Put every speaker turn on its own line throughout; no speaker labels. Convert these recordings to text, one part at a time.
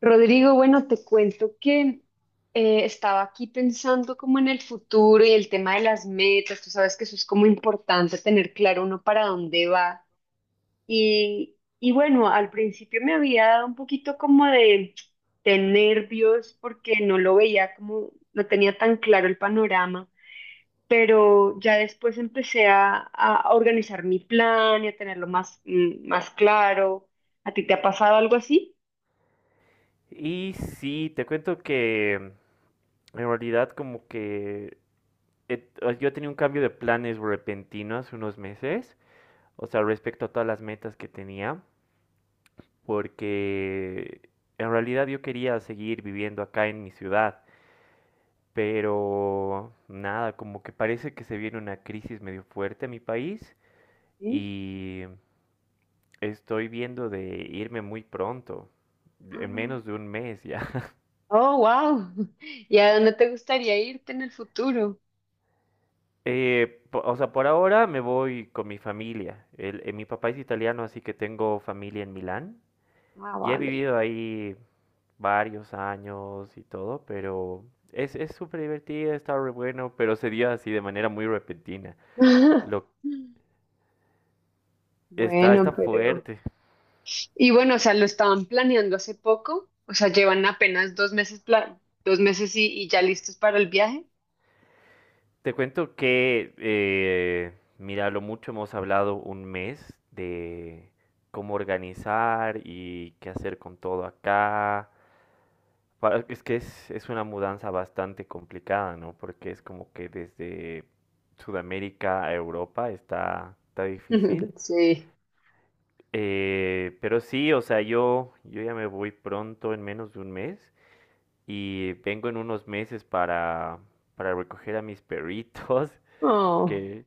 Rodrigo, bueno, te cuento que estaba aquí pensando como en el futuro y el tema de las metas. Tú sabes que eso es como importante tener claro uno para dónde va. Y bueno, al principio me había dado un poquito como de nervios porque no lo veía como, no tenía tan claro el panorama. Pero ya después empecé a organizar mi plan y a tenerlo más, más claro. ¿A ti te ha pasado algo así?
Y sí, te cuento que en realidad como que yo tenía un cambio de planes repentino hace unos meses, o sea, respecto a todas las metas que tenía, porque en realidad yo quería seguir viviendo acá en mi ciudad, pero nada, como que parece que se viene una crisis medio fuerte en mi país
¿Sí?
y estoy viendo de irme muy pronto, en menos de un mes ya.
Oh, wow. ¿Y a dónde te gustaría irte en el futuro?
O sea, por ahora me voy con mi familia. Mi papá es italiano, así que tengo familia en Milán.
Ah,
Y he
vale.
vivido ahí varios años y todo, pero es súper divertido, está re bueno, pero se dio así de manera muy repentina. Lo, está,
Bueno,
está
pero...
fuerte.
Y bueno, o sea, lo estaban planeando hace poco, o sea, llevan apenas 2 meses, 2 meses y ya listos para el viaje.
Te cuento que, mira, lo mucho hemos hablado un mes de cómo organizar y qué hacer con todo acá. Es que es una mudanza bastante complicada, ¿no? Porque es como que desde Sudamérica a Europa está difícil.
Sí.
Pero sí, o sea, yo ya me voy pronto, en menos de un mes, y vengo en unos meses para recoger a mis perritos,
Oh.
que,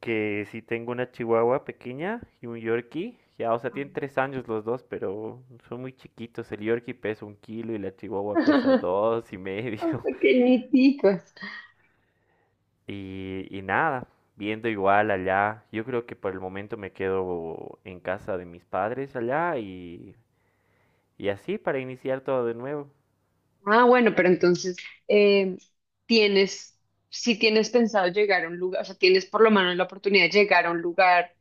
que sí tengo una chihuahua pequeña y un yorkie. Ya, o sea, tienen 3 años los dos, pero son muy chiquitos. El yorkie pesa 1 kilo y la chihuahua pesa 2 y medio.
Son pequeñiticos.
Y nada, viendo igual allá, yo creo que por el momento me quedo en casa de mis padres allá y así para iniciar todo de nuevo.
Ah, bueno, pero entonces, eh, tienes, si tienes pensado llegar a un lugar, o sea, tienes por lo menos la oportunidad de llegar a un lugar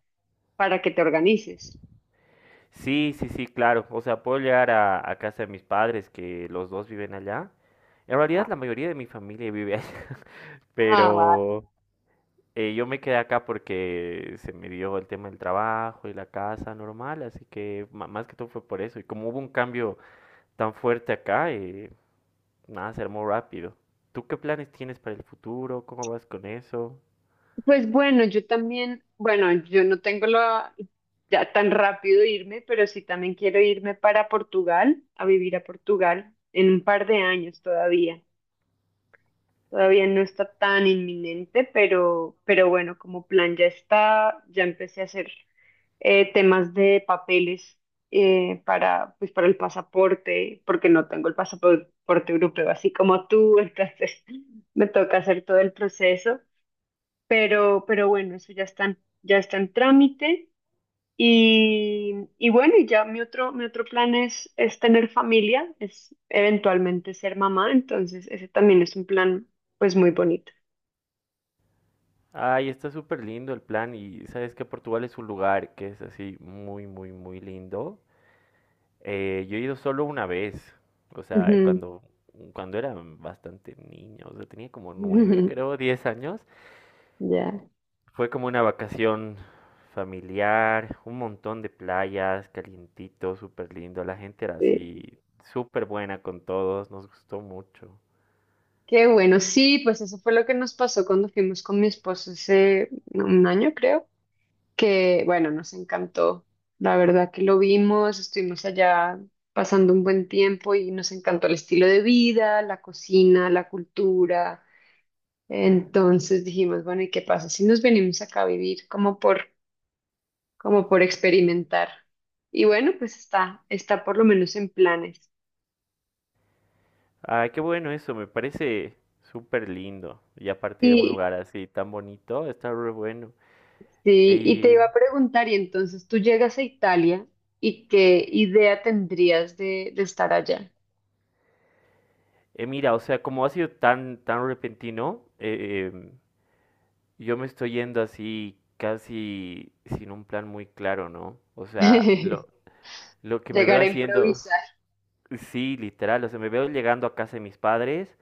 para que te organices.
Sí, sí, sí, claro. O sea, puedo llegar a casa de mis padres, que los dos viven allá. En realidad la mayoría de mi familia vive allá,
Ah, vale.
pero yo me quedé acá porque se me dio el tema del trabajo y la casa normal, así que más que todo fue por eso. Y como hubo un cambio tan fuerte acá, nada, ser muy rápido. ¿Tú qué planes tienes para el futuro? ¿Cómo vas con eso?
Pues bueno, yo también, bueno, yo no tengo la, ya tan rápido irme, pero sí también quiero irme para Portugal, a vivir a Portugal en un par de años todavía. Todavía no está tan inminente, pero bueno, como plan ya está, ya empecé a hacer temas de papeles para, pues para el pasaporte, porque no tengo el pasaporte europeo, así como tú, entonces me toca hacer todo el proceso. Pero bueno, eso ya está en trámite. Y, y bueno, y ya mi otro plan es tener familia, es eventualmente ser mamá, entonces ese también es un plan pues muy bonito.
Ay, está súper lindo el plan y sabes que Portugal es un lugar que es así muy, muy, muy lindo. Yo he ido solo una vez, o sea,
Ujú.
cuando era bastante niño, o sea, tenía como 9, creo, 10 años.
Ya,
Fue como una vacación familiar, un montón de playas, calientito, súper lindo. La gente era
sí.
así, súper buena con todos, nos gustó mucho.
Qué bueno, sí, pues eso fue lo que nos pasó cuando fuimos con mi esposo hace 1 año, creo. Que, bueno, nos encantó. La verdad que lo vimos, estuvimos allá pasando un buen tiempo y nos encantó el estilo de vida, la cocina, la cultura. Entonces dijimos, bueno, ¿y qué pasa si nos venimos acá a vivir como por, como por experimentar? Y bueno, pues está, está por lo menos en planes.
Ah, qué bueno eso, me parece súper lindo. Y a partir de un
Y,
lugar así tan bonito, está re bueno.
sí, y te
Y
iba a preguntar, y entonces tú llegas a Italia ¿y qué idea tendrías de estar allá?
mira, o sea, como ha sido tan, tan repentino, yo me estoy yendo así casi sin un plan muy claro, ¿no? O sea, lo, lo que me veo
Llegar a
haciendo,
improvisar.
sí, literal, o sea, me veo llegando a casa de mis padres,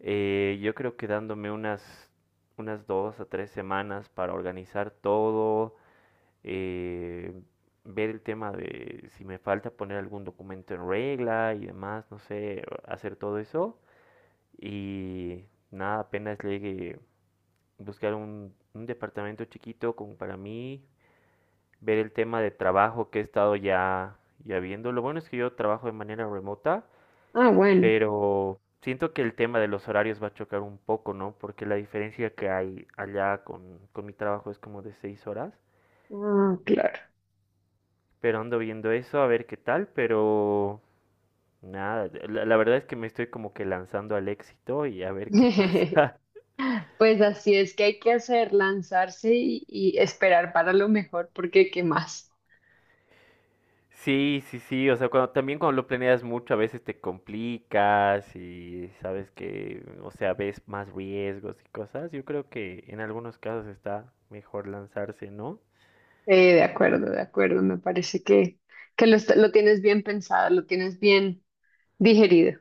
yo creo que dándome unas 2 a 3 semanas para organizar todo, eh, ver el tema de si me falta poner algún documento en regla y demás, no sé, hacer todo eso. Y nada, apenas llegue, buscar un departamento chiquito como para mí, ver el tema de trabajo que he estado ya viendo. Lo bueno es que yo trabajo de manera remota,
Ah, bueno.
pero siento que el tema de los horarios va a chocar un poco, ¿no? Porque la diferencia que hay allá con mi trabajo es como de 6 horas.
Ah, claro.
Pero ando viendo eso, a ver qué tal, pero nada, la, verdad es que me estoy como que lanzando al éxito y a ver qué pasa.
Pues así es que hay que hacer, lanzarse y esperar para lo mejor, porque ¿qué más?
Sí, sí, sí, o sea, también cuando lo planeas mucho a veces te complicas y sabes que, o sea, ves más riesgos y cosas. Yo creo que en algunos casos está mejor lanzarse, ¿no?
De acuerdo, de acuerdo. Me parece que lo, lo tienes bien pensado, lo tienes bien digerido.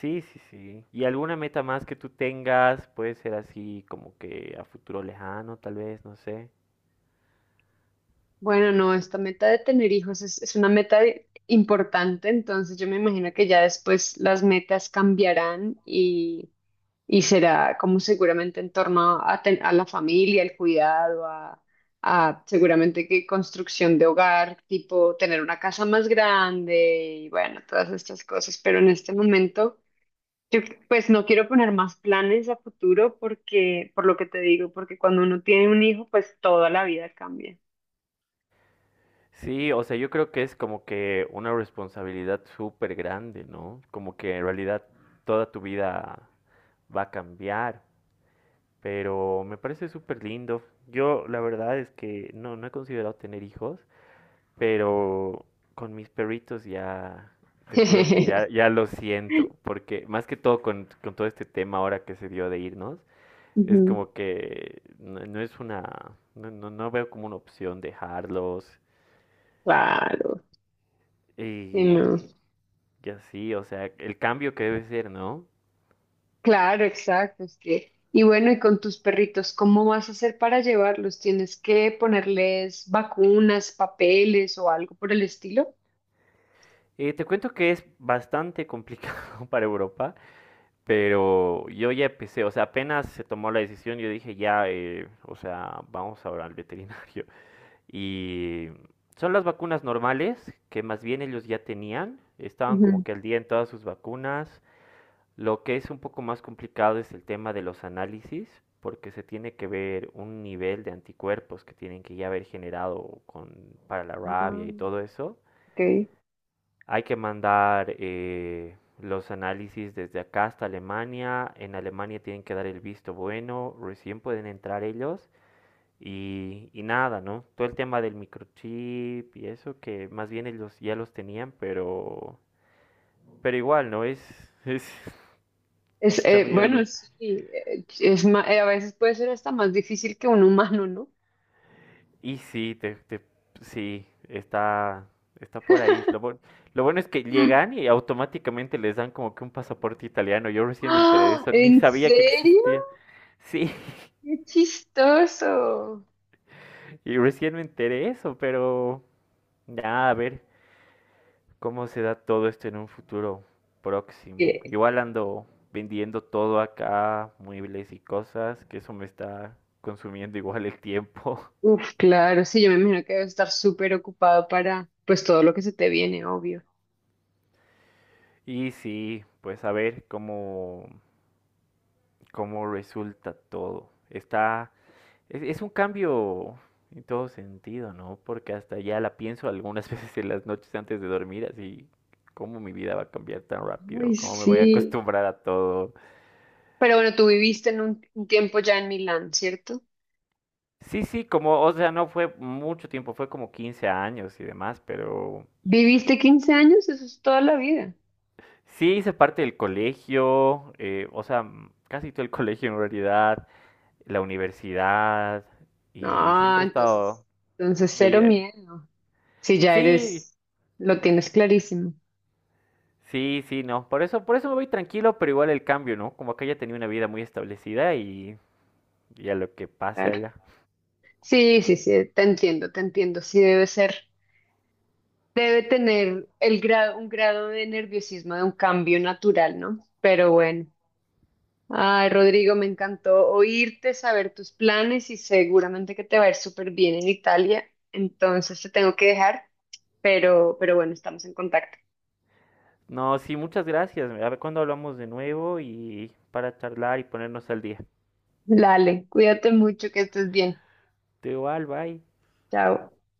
Sí, sí, sí. ¿Y alguna meta más que tú tengas? Puede ser así como que a futuro lejano, tal vez, no sé.
Bueno, no, esta meta de tener hijos es una meta importante, entonces yo me imagino que ya después las metas cambiarán y será como seguramente en torno a, a la familia, el cuidado, a seguramente que construcción de hogar, tipo tener una casa más grande y bueno, todas estas cosas. Pero en este momento, yo pues no quiero poner más planes a futuro porque, por lo que te digo, porque cuando uno tiene un hijo, pues toda la vida cambia.
Sí, o sea, yo creo que es como que una responsabilidad súper grande, ¿no? Como que en realidad toda tu vida va a cambiar, pero me parece súper lindo. Yo la verdad es que no he considerado tener hijos, pero con mis perritos ya, te juro que ya lo siento, porque más que todo con todo este tema ahora que se dio de irnos, es
Ujú.
como que no, no es una, no veo como una opción dejarlos.
Claro, sí,
Y
no.
Ya sí, o sea, el cambio que debe ser, ¿no?
Claro, exacto, es que, y bueno, y con tus perritos, ¿cómo vas a hacer para llevarlos? ¿Tienes que ponerles vacunas, papeles o algo por el estilo?
Te cuento que es bastante complicado para Europa, pero yo ya empecé, o sea, apenas se tomó la decisión, yo dije ya, o sea, vamos ahora al veterinario. Y son las vacunas normales, que más bien ellos ya tenían, estaban como
Ujú.
que al día en todas sus vacunas. Lo que es un poco más complicado es el tema de los análisis, porque se tiene que ver un nivel de anticuerpos que tienen que ya haber generado para la rabia
Ah,
y todo eso.
ok.
Hay que mandar los análisis desde acá hasta Alemania. En Alemania tienen que dar el visto bueno, recién pueden entrar ellos. Y nada, ¿no? Todo el tema del microchip y eso, que más bien ellos ya los tenían, pero, igual, ¿no? Es, es que
Es,
está
bueno,
medio.
sí, es a veces puede ser hasta más difícil que un humano, ¿no?
Y sí, sí, está por ahí. Lo bueno es que llegan y automáticamente les dan como que un pasaporte italiano. Yo recién me enteré de
¡Ah!
eso, ni
¿En
sabía que
serio?
existía. Sí,
¡Qué chistoso!
y recién me enteré de eso, pero nada, a ver cómo se da todo esto en un futuro próximo.
Eh,
Igual ando vendiendo todo acá, muebles y cosas, que eso me está consumiendo igual el tiempo.
Uf, claro, sí, yo me imagino que debe estar súper ocupado para, pues, todo lo que se te viene, obvio.
Y sí, pues a ver cómo resulta todo. Es un cambio en todo sentido, ¿no? Porque hasta ya la pienso algunas veces en las noches antes de dormir, así, cómo mi vida va a cambiar tan
Ay,
rápido, cómo me
sí.
voy a acostumbrar a todo.
Pero bueno, tú viviste en un tiempo ya en Milán, ¿cierto?
Sí, sí, como, o sea, no fue mucho tiempo, fue como 15 años y demás, pero
¿Viviste 15 años? Eso es toda la vida.
sí hice parte del colegio, o sea, casi todo el colegio en realidad, la universidad, y
No,
siempre he
entonces,
estado...
entonces cero
de-
miedo. Si ya
Sí,
eres, lo tienes clarísimo,
sí, sí, no. Por eso me voy tranquilo, pero igual el cambio, ¿no? Como acá ya tenía una vida muy establecida y a lo que pase
claro.
allá.
Sí, sí, sí, te entiendo, te entiendo. Sí debe ser, debe tener el grado, un grado de nerviosismo de un cambio natural, ¿no? Pero bueno. Ay, Rodrigo, me encantó oírte, saber tus planes y seguramente que te va a ir súper bien en Italia. Entonces te tengo que dejar, pero bueno, estamos en contacto.
No, sí, muchas gracias. A ver cuándo hablamos de nuevo y para charlar y ponernos al día.
Dale, cuídate mucho, que estés bien.
Te igual, bye.
Chao.